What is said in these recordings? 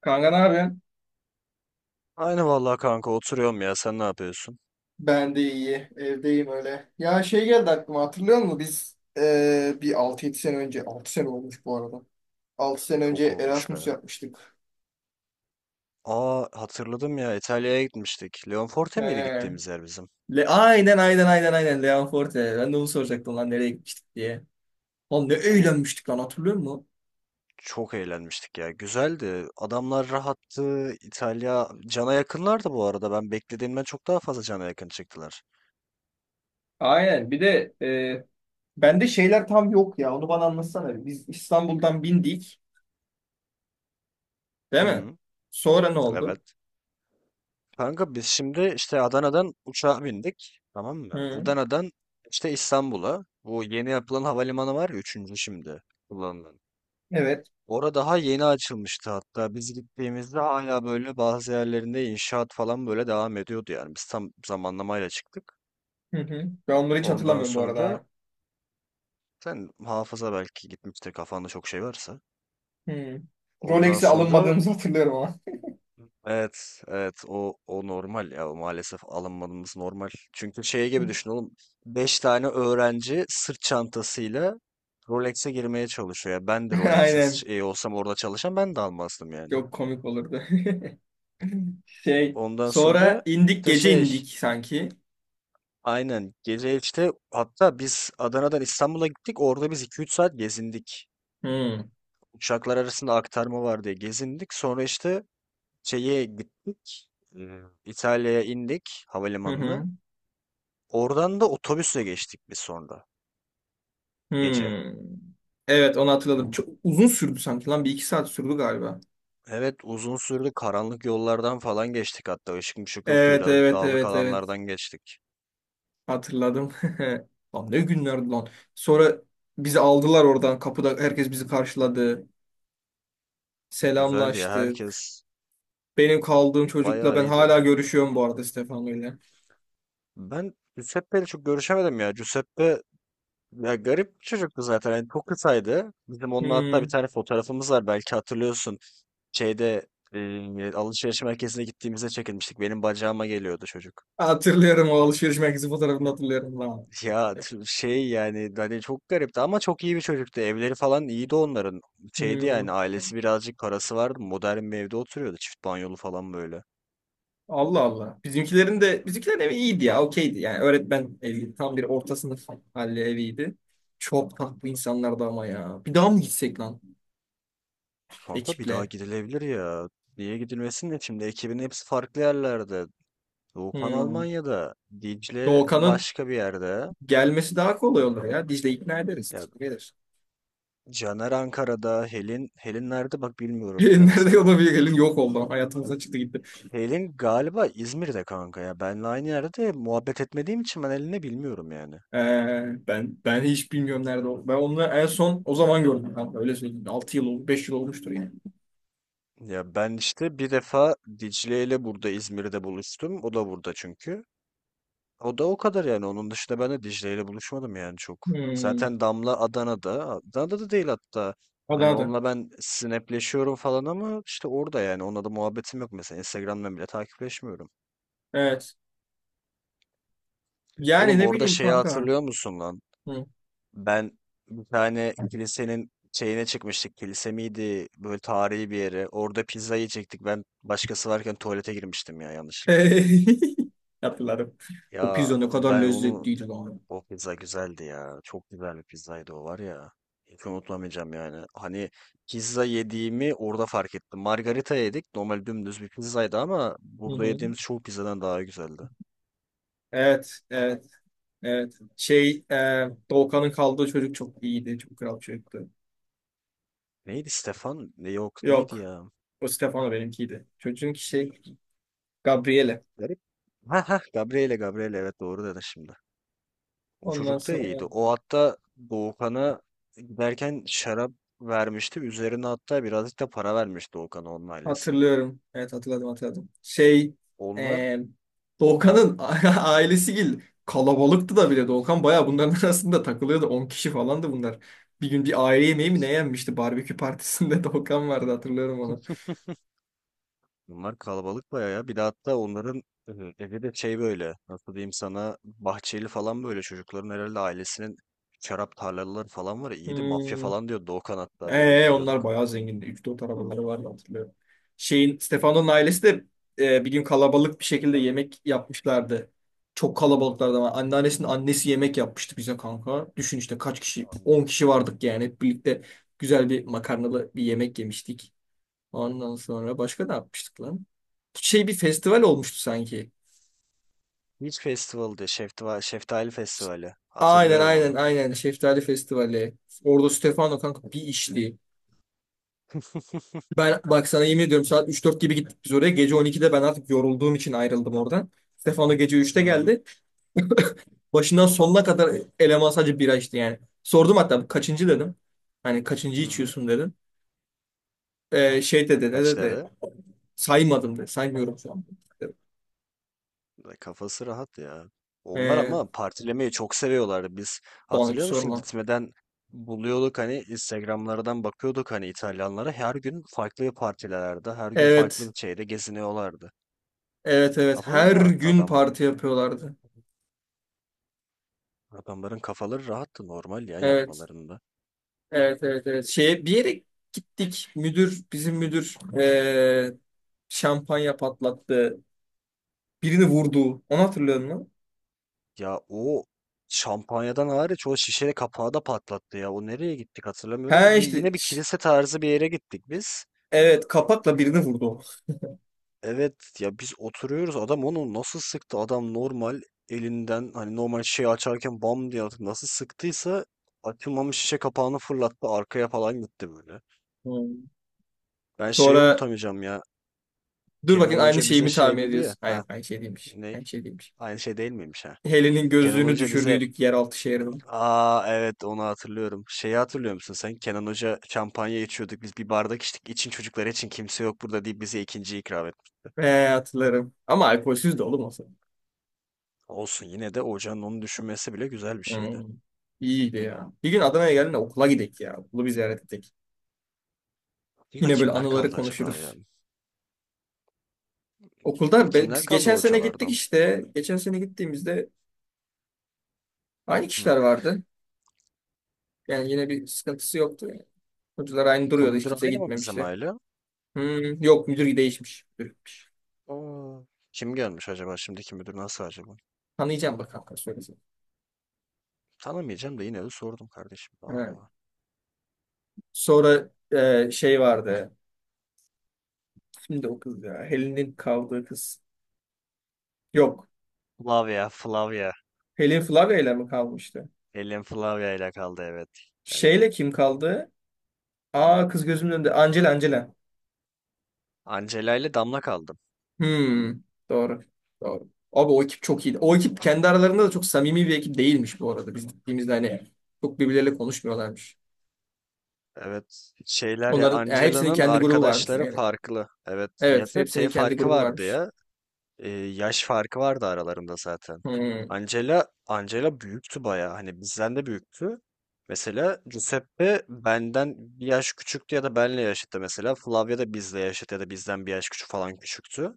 Kanka ne yapıyorsun? Aynı vallahi kanka oturuyorum ya. Sen ne yapıyorsun? Ben de iyi. Evdeyim öyle. Ya şey geldi aklıma hatırlıyor musun? Biz bir 6-7 sene önce 6 sene olmuş bu arada. 6 sene önce Çok olmuş Erasmus be. yapmıştık. Aa hatırladım ya, İtalya'ya gitmiştik. Leonforte miydi He. gittiğimiz yer bizim? Le aynen aynen aynen aynen Leon Forte. Ben de onu soracaktım lan nereye gitmiştik diye. Oğlum ne Oğlum eğlenmiştik lan hatırlıyor musun? çok eğlenmiştik ya. Güzeldi. Adamlar rahattı. İtalya cana yakınlardı bu arada. Ben beklediğimden çok daha fazla cana yakın çıktılar. Aynen. Bir de bende şeyler tam yok ya. Onu bana anlatsana. Biz İstanbul'dan bindik. Değil mi? Hı, Sonra ne oldu? evet. Kanka biz şimdi işte Adana'dan uçağa bindik. Tamam mı? Hı. Adana'dan işte İstanbul'a. Bu yeni yapılan havalimanı var ya, üçüncü şimdi kullanılan. Evet. Orada daha yeni açılmıştı hatta. Biz gittiğimizde hala böyle bazı yerlerinde inşaat falan böyle devam ediyordu yani. Biz tam zamanlamayla çıktık. Hı hı. Ben onları hiç Ondan hatırlamıyorum bu sonra arada. sen hafıza belki gitmiştir kafanda çok şey varsa. Hmm. Ondan Rolex'e sonra alınmadığımızı hatırlıyorum ama. evet evet, o normal ya, o maalesef alınmamız normal. Çünkü şey gibi düşün oğlum, 5 tane öğrenci sırt çantasıyla Rolex'e girmeye çalışıyor. Ya ben de Rolex'in Aynen. şey olsam orada çalışan ben de almazdım yani. Çok komik olurdu. Şey, Ondan sonra sonra indik işte gece şey. indik sanki. Aynen. Gece işte hatta biz Adana'dan İstanbul'a gittik. Orada biz iki üç saat gezindik. Hmm. Uçaklar arasında aktarma var diye gezindik. Sonra işte şeye gittik. e, İtalya'ya indik Hı hı. havalimanına. Oradan da otobüsle geçtik biz sonra gece. Hmm. Evet onu hatırladım. Çok uzun sürdü sanki lan. Bir iki saat sürdü galiba. Evet uzun sürdü. Karanlık yollardan falan geçtik hatta. Işık mışık yoktu. Evet Birazcık evet dağlık evet evet. alanlardan geçtik. Hatırladım. Lan ne günlerdi lan. Sonra bizi aldılar oradan. Kapıda herkes bizi karşıladı. Güzeldi ya. Selamlaştık. Herkes Benim kaldığım çocukla bayağı ben iyiydi. hala görüşüyorum bu arada Stefano ile. Ben Giuseppe çok görüşemedim ya. Giuseppe ya garip bir çocuktu zaten. Yani çok kısaydı. Bizim onunla hatta bir Hmm. tane fotoğrafımız var. Belki hatırlıyorsun. Şeyde alışveriş merkezine gittiğimizde çekilmiştik. Benim bacağıma geliyordu çocuk. Hatırlıyorum o alışveriş merkezi fotoğrafını hatırlıyorum lan. Şey yani hani çok garipti ama çok iyi bir çocuktu. Evleri falan iyiydi onların. Şeydi Hmm, yani, ailesi birazcık parası vardı. Modern bir evde oturuyordu. Çift banyolu falan böyle. Allah Allah. Bizimkilerin evi iyiydi ya, okeydi. Yani öğretmen evi tam bir orta sınıf halli eviydi. Çok tatlı insanlardı ama ya. Bir daha mı gitsek lan Kanka bir daha ekiple? gidilebilir ya. Niye gidilmesin, de şimdi ekibin hepsi farklı yerlerde. Doğukan Hmm. Almanya'da. Dicle Doğukan'ın başka bir yerde. gelmesi daha kolay olur ya. Dicle ikna ederiz. Ya Gelir. Caner Ankara'da, Helin, Helin nerede bak bilmiyorum bile Nerede o mesela. da bir gelin yok oldu. Hayatımıza çıktı gitti. Helin galiba İzmir'de kanka ya. Benle aynı yerde muhabbet etmediğim için ben Helin'i bilmiyorum yani. Ee, ben hiç bilmiyorum nerede o. Ben onu en son o zaman gördüm. Ben öyle söyleyeyim. 6 yıl oldu, 5 yıl olmuştur yani. Ya ben işte bir defa Dicle ile burada İzmir'de buluştum. O da burada çünkü. O da o kadar yani. Onun dışında ben de Dicle ile buluşmadım yani çok. Hmm. Zaten Damla Adana'da. Adana'da da değil hatta. Adı Hani adı. onunla ben snapleşiyorum falan ama işte orada yani. Onunla da muhabbetim yok mesela. Instagram'dan bile takipleşmiyorum. Evet. Yani Oğlum ne orada bileyim şeyi kanka. hatırlıyor musun lan? Hı. Ben bir tane kilisenin şeyine çıkmıştık. Kilise miydi? Böyle tarihi bir yere. Orada pizza yiyecektik. Ben başkası varken tuvalete girmiştim ya yanlışlıkla. Hatırladım. O Ya pizza ne kadar ben onu, lezzetliydi lan. o pizza güzeldi ya. Çok güzel bir pizzaydı o, var ya. Hiç unutamayacağım yani. Hani pizza yediğimi orada fark ettim. Margarita yedik. Normal dümdüz bir pizzaydı ama Hı burada hı. yediğimiz çoğu pizzadan daha güzeldi. Evet, evet, evet. Şey, Doğukan'ın kaldığı çocuk çok iyiydi. Çok kral çocuktu. Neydi Stefan? Ne, yok neydi Yok. ya? O Stefano benimkiydi. Çocuğun ki şey, Gabriele. Garip. Ha ha, Gabriele Gabriele, evet doğru dedin şimdi. O Ondan çocuk da iyiydi. sonra. O hatta Doğukan'a giderken şarap vermişti. Üzerine hatta birazcık da para vermişti Doğukan'a onun ailesi. Hatırlıyorum. Evet hatırladım hatırladım. Şey Onlar e, ha Doğukan'ın ailesi gil kalabalıktı da bile Doğukan bayağı bunların arasında takılıyordu. 10 kişi falandı bunlar. Bir gün bir aile yemeği mi ne evet. yenmişti? Barbekü partisinde Doğukan vardı hatırlıyorum onu. Bunlar kalabalık bayağı ya. Bir de hatta onların e, evi de şey böyle, nasıl diyeyim sana, bahçeli falan böyle, çocukların herhalde ailesinin şarap tarlaları falan var. Ya, iyiydi, mafya Hmm. falan diyor Doğukan hatta böyle Onlar gülüyorduk. bayağı zengindi. Üç 4 arabaları vardı hatırlıyorum. Şeyin Stefano'nun ailesi de bir gün kalabalık bir şekilde yemek yapmışlardı. Çok kalabalıklardı ama anneannesinin annesi yemek yapmıştı bize kanka. Düşün işte kaç kişi? An- 10 kişi vardık yani. Hep birlikte güzel bir makarnalı bir yemek yemiştik. Ondan sonra başka ne yapmıştık lan? Şey bir festival olmuştu sanki. Beach Festival'dı. Şeftali, Şeftali Festivali. Aynen Hatırlıyorum aynen onu. aynen Şeftali Festivali. Orada Stefano kanka bir işli. Ben bak sana yemin ediyorum saat 3-4 gibi gittik biz oraya. Gece 12'de ben artık yorulduğum için ayrıldım oradan. Stefano gece Hı 3'te hı. geldi. Başından sonuna kadar eleman sadece bira içti yani. Sordum hatta kaçıncı dedim. Hani kaçıncı Hı hı. içiyorsun dedim. Şey dedi ne Kaç dedi. dedi? Saymadım dedi. Saymıyorum şu an. Da kafası rahat ya. Onlar Ee, ama partilemeyi çok seviyorlardı. Biz bana hiç hatırlıyor musun sorma. gitmeden buluyorduk hani Instagramlardan bakıyorduk hani İtalyanlara her gün farklı partilerde her gün farklı Evet. bir şeyde geziniyorlardı. Evet evet. Kafaları Her rahattı gün adamların. parti yapıyorlardı. Adamların kafaları rahattı normal ya Evet. yapmalarında. Evet evet evet. Şeye, bir yere gittik. Müdür bizim müdür şampanya patlattı. Birini vurdu. Onu hatırlıyor musun? Ya o şampanyadan hariç o şişe kapağı da patlattı ya. O nereye gittik hatırlamıyorum da He bir, işte yine bir kilise tarzı bir yere gittik biz. evet kapakla birini vurdu. Evet, ya biz oturuyoruz, adam onu nasıl sıktı, adam normal elinden hani normal şey açarken bam diye atıp nasıl sıktıysa açılmamış şişe kapağını fırlattı arkaya falan gitti böyle. Hmm. Ben şeyi Sonra unutamayacağım ya. dur bakayım Kenan aynı Hoca şeyi bize mi şey tahmin dedi ya. ediyorsun? Hayır Ha aynı şey değilmiş. ne Aynı şey değilmiş. aynı şey değil miymiş ha. Helen'in Kenan gözlüğünü Hoca bize, düşürdüydük yeraltı şehrine. aa evet onu hatırlıyorum, şeyi hatırlıyor musun sen? Kenan Hoca şampanya içiyorduk biz, bir bardak içtik için çocuklar için kimse yok burada deyip bize ikinci ikram etti. Hatırlarım. Ama alkolsüz de oğlum o zaman. Olsun, yine de hocanın onu düşünmesi bile güzel bir şeydi. Hmm. İyiydi ya. Bir gün Adana'ya geldiğinde okula gidelim ya. Okulu bir ziyaret edelim. Okulda Yine böyle kimler anıları kaldı acaba ya? konuşuruz. Okulda Okulda kimler biz kaldı geçen sene gittik hocalardan? işte. Geçen sene gittiğimizde aynı Hı. kişiler vardı. Yani yine bir sıkıntısı yoktu. Yani. Hocalar aynı Okul duruyordu. Hiç müdürü kimse aynı mı bizim gitmemişti. aile? Hmm, yok müdür değişmiş. Müdür gitmiş. Aa, kim gelmiş acaba? Şimdiki müdür nasıl acaba? Tanıyacağım bakalım. Söylesin. Tanımayacağım da yine de sordum kardeşim. Evet. Aa. Sonra şey vardı. Şimdi o kız ya. Helen'in kaldığı kız. Yok. Flavia, Flavia. Helen Flavia'yla mı kalmıştı? Elim Flavia ile kaldı evet. Evet. Şeyle kim kaldı? Aa kız gözümün önünde. Angela Angela. Angela ile Damla kaldım. Hmm, doğru. Doğru. Abi o ekip çok iyiydi. O ekip kendi aralarında da çok samimi bir ekip değilmiş bu arada. Biz gittiğimizde hani çok birbirleriyle konuşmuyorlarmış. Evet. Şeyler ya, Onların yani hepsinin Angela'nın kendi grubu varmış. arkadaşları Evet. farklı. Evet. Ya Evet, da şey hepsinin kendi farkı grubu vardı varmış. ya. Yaş farkı vardı aralarında zaten. Hmm, Angela Angela büyüktü bayağı. Hani bizden de büyüktü. Mesela Giuseppe benden bir yaş küçüktü ya da benle yaşıttı mesela. Flavia da bizle yaşıt ya da bizden bir yaş küçük falan küçüktü.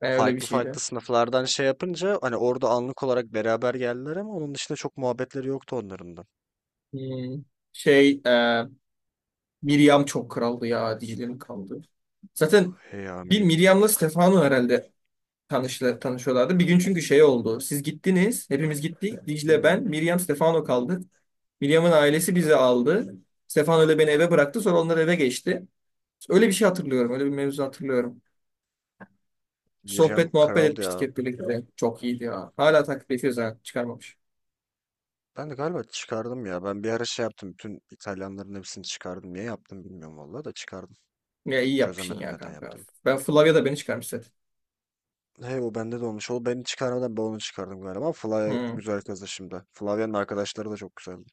ben öyle bir Farklı şeydi. farklı sınıflardan şey yapınca hani orada anlık olarak beraber geldiler ama onun dışında çok muhabbetleri yoktu onların da. Hmm, şey, Miriam çok kraldı ya, Dicle'nin kraldı. Zaten Hey ya bir Mi Miriam'la Stefano herhalde tanıştılar, tanışıyorlardı. Bir gün çünkü şey oldu. Siz gittiniz, hepimiz gittik. Dicle, ben, Hı. Miriam, Stefano kaldı. William'ın ailesi bizi aldı. Stefano ile beni eve bıraktı. Sonra onlar eve geçti. Öyle bir şey hatırlıyorum. Öyle bir mevzu hatırlıyorum. Miriam Sohbet muhabbet kraldı etmiştik ya. hep birlikte. Çok iyiydi ya. Hala takip ediyoruz ha. Çıkarmamış. Ben de galiba çıkardım ya. Ben bir ara şey yaptım. Bütün İtalyanların hepsini çıkardım. Niye yaptım bilmiyorum vallahi, da çıkardım. Ya iyi yapmışsın Çözemedim ya neden kanka. yaptım. Ben Flavia da beni çıkarmış zaten. Hey o bende de olmuş. O beni çıkarmadan ben onu çıkardım galiba. Ama Flavia Hı. güzel kızdı şimdi. Flavia'nın arkadaşları da çok güzeldi.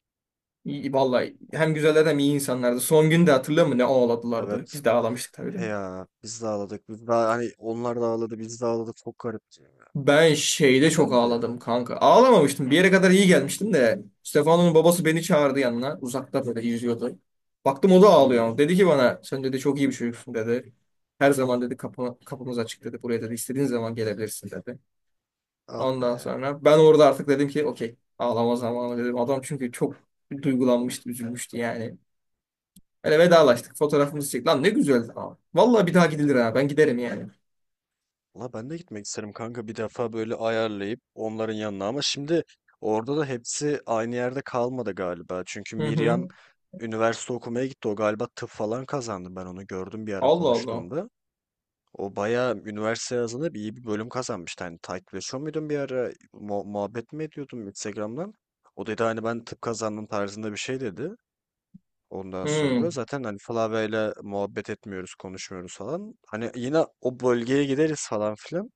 İyi, vallahi hem güzeller hem iyi insanlardı. Son gün de hatırlıyor musun ne ağladılardı? Evet. Biz de ağlamıştık tabii de. He ya biz de ağladık. Biz de hani onlar da ağladı biz de ağladık. Çok garipti ya. Ben şeyde çok Güzeldi ya. ağladım kanka. Ağlamamıştım. Bir yere kadar iyi gelmiştim de. Stefano'nun babası beni çağırdı yanına. Uzakta böyle yüzüyordu. Baktım o da Hı. ağlıyor. Dedi ki bana sen dedi çok iyi bir çocuksun dedi. Her zaman dedi kapı, kapımız açık dedi. Buraya dedi istediğin zaman gelebilirsin dedi. Ah be. Ondan sonra ben orada artık dedim ki okey ağlama zamanı dedim. Adam çünkü çok duygulanmıştı, üzülmüştü yani. Öyle vedalaştık. Fotoğrafımızı çektik. Lan ne güzeldi abi. Vallahi bir daha gidilir ha. Ben giderim yani. La ben de gitmek isterim kanka, bir defa böyle ayarlayıp onların yanına, ama şimdi orada da hepsi aynı yerde kalmadı galiba. Çünkü Hı Miriam hı. üniversite okumaya gitti. O galiba tıp falan kazandı. Ben onu gördüm bir ara Allah Allah. konuştuğumda. O bayağı üniversite yazında bir iyi bir bölüm kazanmıştı. Hani takipleşiyor muydun bir ara? Muhabbet mi ediyordum Instagram'dan? O dedi hani ben tıp kazandım tarzında bir şey dedi. Ondan Hı. sonra zaten hani Flavia'yla muhabbet etmiyoruz, konuşmuyoruz falan. Hani yine o bölgeye gideriz falan filan.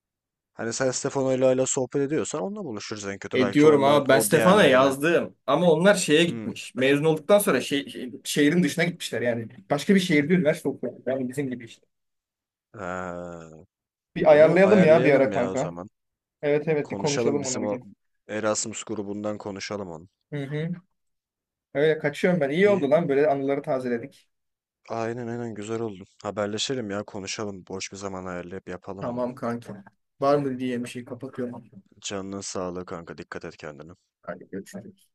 Hani sen Stefano'yla hala sohbet ediyorsan onunla buluşuruz en kötü. E Belki diyorum ondan abi ben o Stefan'a diğerlerine. yazdım ama onlar şeye Hmm. gitmiş. Mezun olduktan sonra şehrin dışına gitmişler yani. Başka bir şehirde üniversite okuyor. Yani bizim gibi işte. Ee, Bir Onu ayarlayalım ya bir ara ayarlayalım ya o kanka. zaman. Evet evet bir Konuşalım konuşalım onu bizim bir o gün. Erasmus grubundan konuşalım onu. Hı hı. Öyle kaçıyorum ben. İyi oldu İyi. lan böyle anıları tazeledik. Aynen aynen güzel oldu. Haberleşelim ya konuşalım. Boş bir zaman ayarlayıp yapalım bunu. Tamam kanka. Var mı diye bir şey kapatıyorum. Canının sağlığı kanka, dikkat et kendine. Hadi görüşürüz.